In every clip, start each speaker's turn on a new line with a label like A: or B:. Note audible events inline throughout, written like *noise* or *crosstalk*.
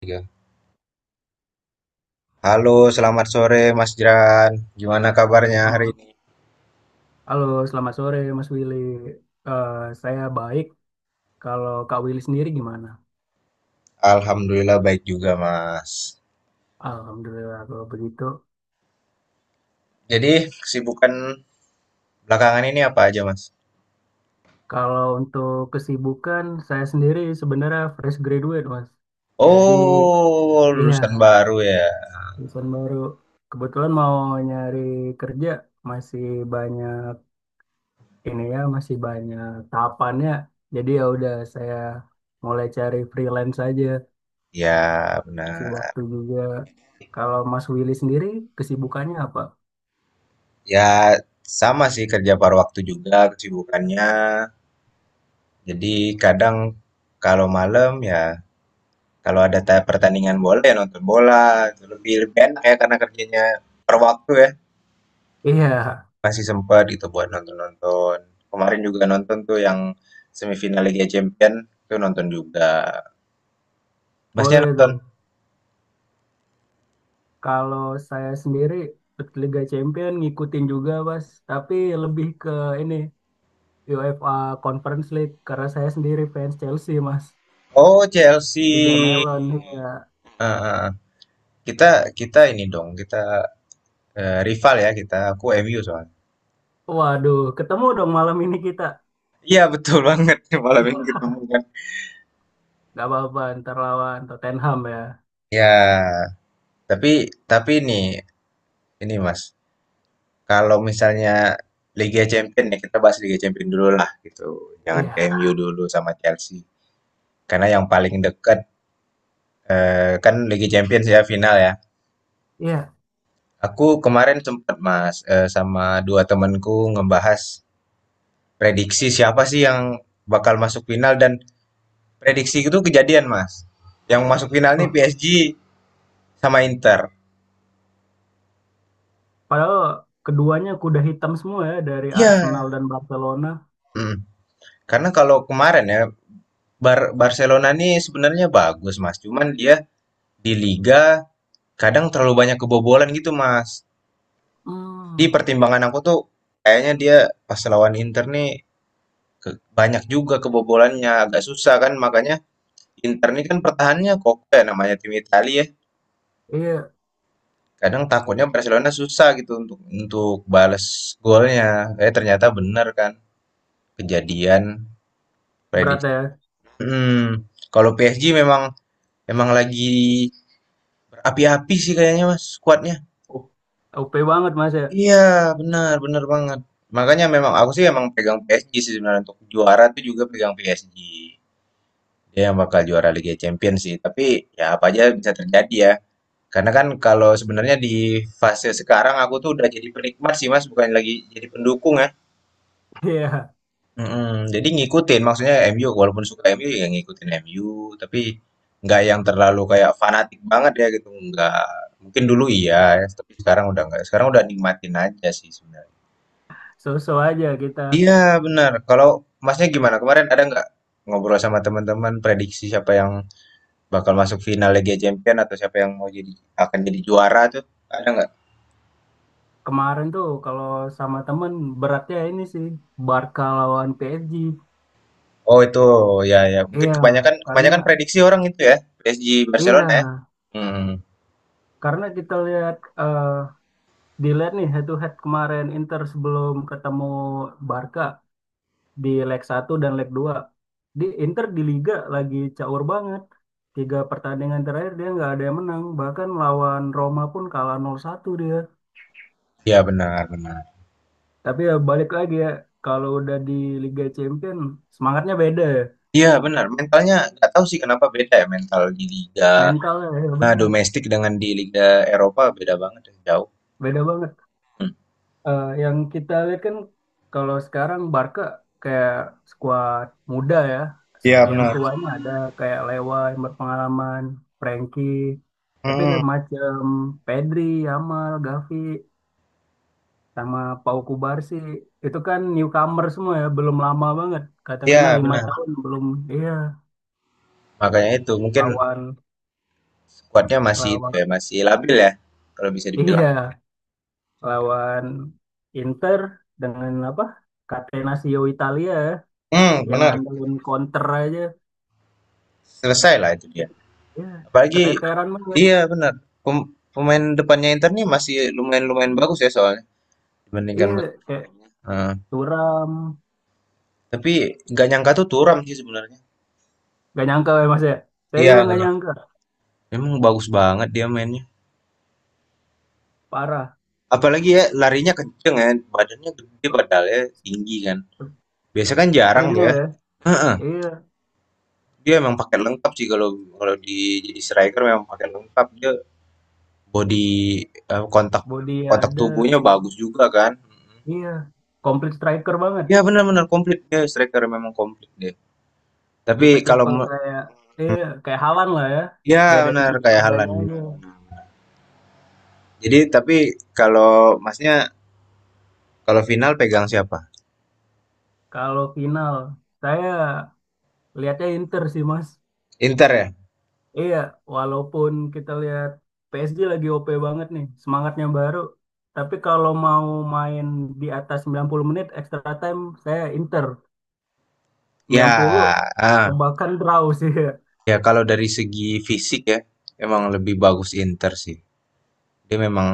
A: Tiga. Halo, selamat sore Mas Jeran. Gimana kabarnya hari
B: Em,
A: ini?
B: Halo, selamat sore Mas Willy. Eh, saya baik. Kalau Kak Willy sendiri gimana?
A: Alhamdulillah baik juga, Mas.
B: Alhamdulillah kalau begitu.
A: Jadi, kesibukan belakangan ini apa aja, Mas?
B: Kalau untuk kesibukan, saya sendiri sebenarnya fresh graduate, Mas. Jadi,
A: Oh,
B: iya,
A: lulusan baru ya.
B: lulusan baru. Kebetulan mau nyari kerja, masih banyak ini ya, masih banyak tahapannya. Jadi ya udah saya mulai cari freelance aja,
A: Ya,
B: si
A: benar.
B: waktu juga. Kalau Mas Willy sendiri, kesibukannya apa?
A: Ya, sama sih kerja paruh waktu juga kesibukannya. Jadi, kadang kalau malam ya kalau ada pertandingan bola ya nonton bola. Itu Lebih lebih enak ya karena kerjanya per waktu ya.
B: Iya,
A: Masih sempat gitu buat nonton-nonton. Kemarin juga nonton tuh yang semifinal Liga Champion tuh nonton juga. Masnya
B: boleh
A: nonton?
B: tuh. Kalau saya sendiri Liga Champion ngikutin juga, Mas. Tapi lebih ke ini UEFA Conference League karena saya sendiri fans Chelsea, Mas.
A: Oh,
B: Liga
A: Chelsea.
B: Melon, ya.
A: Ah, ah, ah. Kita kita ini dong, kita rival ya kita. Aku MU soalnya.
B: Waduh, ketemu dong malam ini kita.
A: Iya, betul banget *laughs* malam ini
B: Iya,
A: ketemu kan.
B: nggak apa-apa ntar lawan Tottenham ya.
A: Ya, tapi tapi ini Mas, kalau misalnya Liga Champion ya kita bahas Liga Champion dulu lah gitu. Jangan ke
B: Iya,
A: MU dulu sama Chelsea. Karena yang paling dekat. Eh, kan Liga Champions ya final ya.
B: iya.
A: Aku kemarin sempat Mas sama dua temanku ngebahas prediksi siapa sih yang bakal masuk final dan prediksi itu kejadian Mas. Yang masuk final nih
B: Wah,
A: PSG sama Inter.
B: padahal keduanya kuda hitam semua ya dari Arsenal
A: Iya.
B: dan Barcelona.
A: Mm. Karena kalau kemarin ya Barcelona nih sebenarnya bagus Mas. Cuman dia di liga kadang terlalu banyak kebobolan gitu Mas. Di
B: Hmm,
A: pertimbangan aku tuh kayaknya dia pas lawan Inter nih Ke banyak juga kebobolannya, agak susah kan makanya Inter ini kan pertahanannya kokoh ya namanya tim Italia ya.
B: iya
A: Kadang takutnya Barcelona susah gitu untuk balas golnya. Eh, ternyata benar kan kejadian
B: berat
A: prediksi.
B: ya.
A: Hmm, kalau PSG memang memang lagi berapi-api sih kayaknya Mas skuadnya.
B: O- OP banget, Mas ya. *laughs*
A: Iya, benar benar banget. Makanya memang aku sih emang pegang PSG sih sebenarnya untuk juara tuh juga pegang PSG. Dia yang bakal juara Liga Champions sih, tapi ya apa aja bisa terjadi ya. Karena kan kalau sebenarnya di fase sekarang aku tuh udah jadi penikmat sih Mas, bukan lagi jadi pendukung ya.
B: Iya.
A: Mm-mm. Jadi ngikutin, maksudnya MU walaupun suka MU ya ngikutin MU, tapi nggak yang terlalu kayak fanatik banget ya gitu, nggak. Mungkin dulu iya, ya.
B: Kayak
A: Tapi sekarang udah nggak. Sekarang udah nikmatin aja sih sebenarnya.
B: so-so aja kita.
A: Iya, benar. Kalau Masnya gimana? Kemarin ada nggak ngobrol sama teman-teman prediksi siapa yang bakal masuk final Liga Champion atau siapa yang mau jadi akan jadi juara tuh? Ada nggak?
B: Kemarin tuh kalau sama temen beratnya ini sih Barca lawan PSG.
A: Oh, itu ya mungkin
B: Iya,
A: kebanyakan
B: karena
A: kebanyakan prediksi orang itu ya PSG
B: iya,
A: Barcelona ya. Hmm,
B: karena kita lihat dilihat nih head to head kemarin Inter sebelum ketemu Barca di leg satu dan leg dua. Di Inter di Liga lagi caur banget. Tiga pertandingan terakhir dia nggak ada yang menang, bahkan lawan Roma pun kalah 0-1 dia.
A: ya benar benar.
B: Tapi ya balik lagi ya, kalau udah di Liga Champion semangatnya beda ya.
A: Iya, benar mentalnya nggak tahu sih kenapa beda ya mental di liga
B: Mental ya, ya benar,
A: domestik dengan di liga Eropa beda banget ya, jauh.
B: beda banget. Yang kita lihat kan kalau sekarang Barca kayak skuad muda ya.
A: Iya,
B: Yang
A: benar.
B: tuanya ada kayak Lewa yang berpengalaman, Frankie,
A: Hmm,
B: tapi
A: mm.
B: kayak macam Pedri, Yamal, Gavi, sama Pau Kubarsi itu kan newcomer semua ya, belum lama banget,
A: Iya,
B: katakanlah lima
A: benar
B: tahun belum. Iya,
A: makanya itu mungkin
B: lawan
A: kuatnya masih itu
B: lawan
A: ya masih labil ya kalau bisa
B: *laughs*
A: dibilang.
B: iya lawan Inter dengan apa, Catenaccio Italia ya.
A: Hmm,
B: Yang
A: benar.
B: ngandelin counter aja
A: Selesai lah itu dia.
B: gitu. Ya
A: Apalagi.
B: keteteran banget.
A: Iya, benar. Pemain depannya Inter nih masih lumayan lumayan bagus ya soalnya, dibandingkan
B: Iya
A: musim
B: kayak
A: sebelumnya. Heeh.
B: suram.
A: Tapi nggak nyangka tuh Turam sih sebenarnya.
B: Gak nyangka ya mas ya, saya
A: Iya,
B: juga
A: nggak
B: gak
A: nyangka.
B: nyangka.
A: Memang bagus banget dia mainnya.
B: Parah.
A: Apalagi ya larinya kenceng ya, badannya gede padahal tinggi kan. Biasa kan jarang tuh
B: Sprintnya
A: ya.
B: ya.
A: Heeh.
B: Iya,
A: Dia memang pakai lengkap sih kalau kalau di jadi striker memang pakai lengkap dia body, eh, kontak
B: body ya
A: kontak
B: ada.
A: tubuhnya bagus juga kan. Mm-mm.
B: Iya, komplit striker banget.
A: Iya, benar-benar komplit dia striker memang komplit dia. Tapi kalau
B: Tipe-tipe kayak, iya kayak Halan lah ya,
A: ya
B: beda
A: benar
B: tinggi
A: kayak Halan
B: badannya aja.
A: benar-benar. Jadi tapi kalau masnya kalau final pegang siapa?
B: Kalau final, saya lihatnya Inter sih mas.
A: Inter ya?
B: Iya, walaupun kita lihat PSG lagi OP banget nih, semangatnya baru. Tapi kalau mau main di atas 90 menit extra time, saya Inter.
A: Ya,
B: 90
A: ah,
B: tembakan draw sih. *laughs*
A: ya kalau dari segi fisik ya, emang lebih bagus Inter sih. Dia memang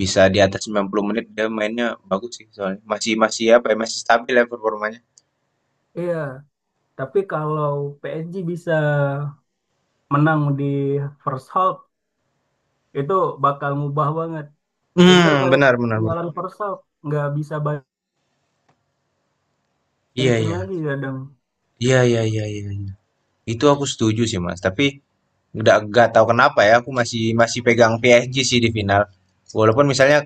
A: bisa di atas 90 menit dia mainnya bagus sih soalnya. Masih masih apa ya? Masih stabil ya performanya.
B: Iya, tapi kalau PSG bisa menang di first half itu bakal ngubah banget. Inter
A: Hmm,
B: kalau
A: benar benar, benar.
B: ketinggalan first half nggak bisa
A: Iya,
B: balikin
A: iya.
B: lagi kadang.
A: Iya, iya, iya, iya. Itu aku setuju sih Mas, tapi nggak tahu kenapa ya aku masih masih pegang PSG sih di final. Walaupun misalnya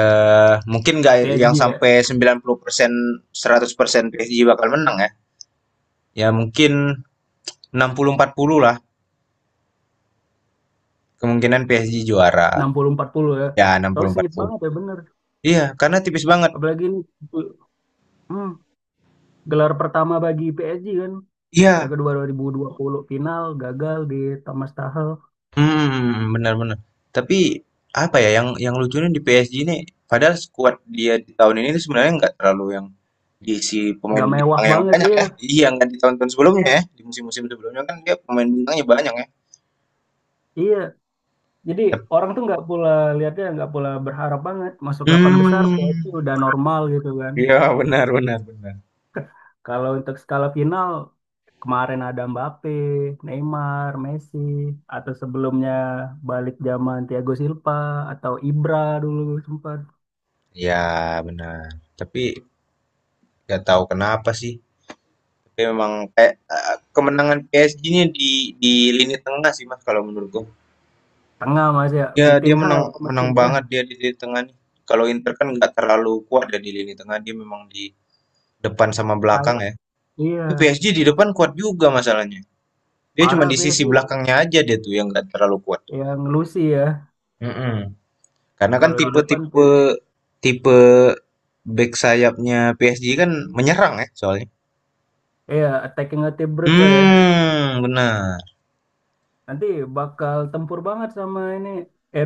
A: mungkin nggak
B: PSG
A: yang
B: ya
A: sampai 90% 100% PSG bakal menang ya. Ya, mungkin 60-40 lah kemungkinan PSG juara.
B: 60-40 ya.
A: Ya,
B: Kalau sengit
A: 60-40.
B: banget ya bener.
A: Iya, karena tipis banget.
B: Apalagi ini, hmm, gelar pertama bagi PSG kan.
A: Iya.
B: Mereka dua 2020 final gagal di Thomas Tuchel.
A: Benar-benar. Tapi apa ya yang lucunya di PSG ini padahal skuad dia di tahun ini tuh sebenarnya nggak terlalu yang diisi pemain
B: Nggak mewah
A: bintang yang
B: banget,
A: banyak
B: iya.
A: ya. Iya, nggak di tahun-tahun sebelumnya ya. Di musim-musim sebelumnya kan dia pemain bintangnya banyak ya.
B: Iya. Jadi
A: Tep-
B: orang tuh nggak pula lihatnya, nggak pula berharap banget masuk delapan besar, PSG
A: Hmm.
B: udah normal gitu kan.
A: Iya, benar benar benar.
B: Kalau untuk skala final kemarin ada Mbappe, Neymar, Messi atau sebelumnya balik zaman Thiago Silva atau Ibra dulu sempat.
A: Iya, benar. Tapi nggak tahu kenapa sih. Tapi memang kayak, kemenangan PSG ini di lini tengah sih Mas kalau menurutku.
B: Tengah Mas ya,
A: Ya dia
B: Vitinha
A: menang menang
B: mesin ya.
A: banget dia di lini tengah nih. Kalau Inter kan nggak terlalu kuat ya di lini tengah, dia memang di depan sama belakang
B: Saya-
A: ya.
B: Iya,
A: Tapi PSG di depan kuat juga masalahnya. Dia cuma
B: parah
A: di sisi
B: PSG.
A: belakangnya aja dia tuh yang nggak terlalu kuat.
B: Yang Lucy ya,
A: Mhm. Karena kan
B: kalau di depan tuh
A: tipe back sayapnya PSG kan menyerang ya soalnya.
B: iya attacking vertebrate ya.
A: Hmm, benar.
B: Nanti bakal tempur banget sama ini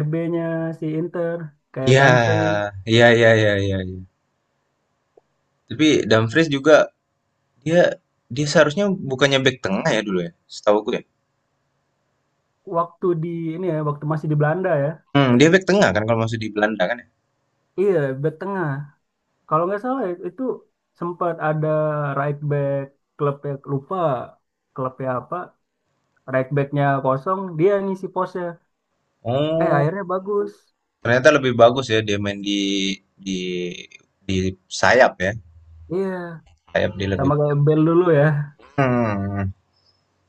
B: RB-nya si Inter kayak
A: Ya,
B: Dumfries.
A: ya, ya, ya, ya. Iya. Tapi Dumfries juga dia dia seharusnya bukannya back tengah ya dulu ya, setahuku ya.
B: waktu di Waktu masih di Belanda ya.
A: Dia back tengah kan kalau masuk di Belanda kan ya.
B: Iya back tengah kalau nggak salah ya, itu sempat ada right back klub, lupa klubnya apa, right backnya kosong dia ngisi posnya, eh
A: Oh,
B: akhirnya bagus.
A: ternyata lebih bagus ya dia main di di sayap ya.
B: Iya
A: Sayap dia lebih
B: sama
A: bagus.
B: kayak Bell dulu ya.
A: Hmm,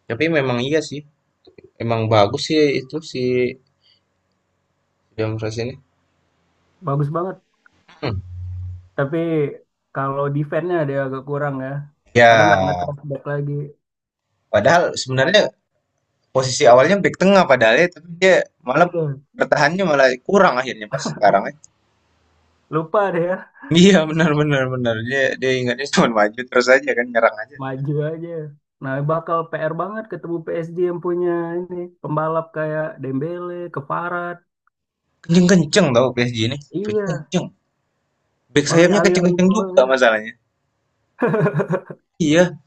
A: tapi memang iya sih. Emang bagus sih itu si Dumfries ini.
B: Bagus banget.
A: Hmm.
B: Tapi kalau defense-nya dia agak kurang ya. Kadang nggak
A: Ya,
B: nge-track back lagi.
A: padahal
B: Nah,
A: sebenarnya posisi awalnya back tengah padahal ya, tapi dia malah
B: iya,
A: bertahannya malah kurang akhirnya pas sekarang ya.
B: lupa deh ya.
A: Iya, benar benar benar. Dia dia ingatnya cuma maju terus aja kan nyerang aja.
B: Maju aja. Nah, bakal PR banget ketemu PSG yang punya ini pembalap kayak Dembele, Keparat.
A: Kenceng-kenceng tau PSG ini.
B: Iya,
A: Kenceng. Back
B: makanya
A: sayapnya
B: aliran
A: kenceng-kenceng juga
B: bolanya
A: masalahnya. Iya,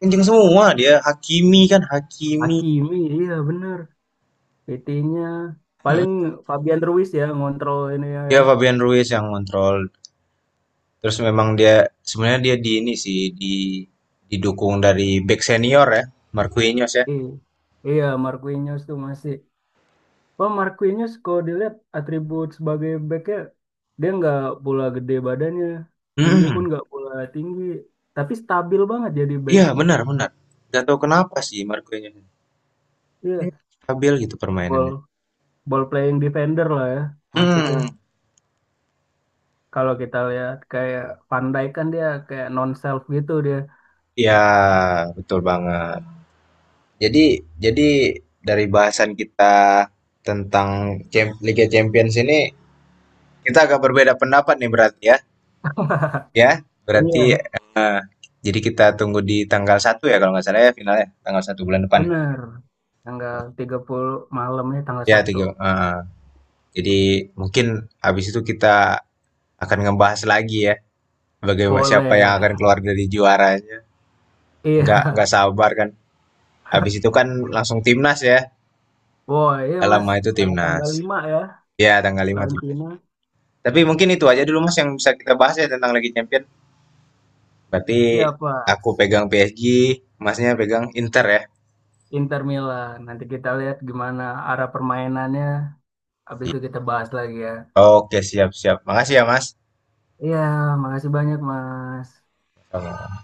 A: kenceng semua dia. Hakimi kan Hakimi.
B: Hakimi, iya bener. PT-nya paling
A: Mm-mm.
B: Fabian Ruiz ya ngontrol ini ya. Ya.
A: Dia Fabian Ruiz yang kontrol. Terus memang dia sebenarnya dia di ini sih didukung dari back senior ya, Marquinhos ya.
B: Iya, iya Marquinhos tuh masih. Oh, Marquinhos kalau dilihat atribut sebagai backnya, dia nggak pula gede badannya, tinggi pun
A: Mm-mm.
B: nggak pula tinggi, tapi stabil banget jadi back.
A: Iya, benar benar. Gak tahu kenapa sih Marquinhos. Ini
B: Iya,
A: stabil gitu
B: ball,
A: permainannya.
B: ball playing defender lah ya masuknya.
A: Hmm.
B: Kalau kita lihat kayak Van Dijk kan dia kayak non self gitu dia.
A: Ya, betul banget. Jadi dari bahasan kita tentang Liga Champions ini kita agak berbeda pendapat nih berarti ya. Ya,
B: *laughs*
A: berarti
B: Iya,
A: eh, jadi kita tunggu di tanggal 1 ya kalau nggak salah ya finalnya tanggal 1 bulan depan.
B: bener. Tanggal 30, malamnya tanggal
A: Ya,
B: satu
A: tiga. Jadi mungkin habis itu kita akan ngebahas lagi ya bagaimana siapa
B: Boleh.
A: yang akan keluar dari juaranya. Nggak
B: Iya,
A: nggak sabar kan. Habis itu kan langsung timnas ya.
B: boy. Iya,
A: Gak
B: Mas.
A: lama itu
B: Tanggal
A: timnas.
B: tanggal 5 ya
A: Ya, tanggal 5,
B: lawan
A: timnas.
B: Cina.
A: Tapi mungkin itu aja dulu Mas yang bisa kita bahas ya tentang Liga Champion. Berarti
B: Siapa?
A: aku pegang PSG, Masnya pegang Inter ya.
B: Inter Milan. Nanti kita lihat gimana arah permainannya. Habis itu kita bahas lagi ya.
A: Oke, siap-siap. Makasih ya Mas.
B: Iya, makasih banyak, Mas.
A: Sama.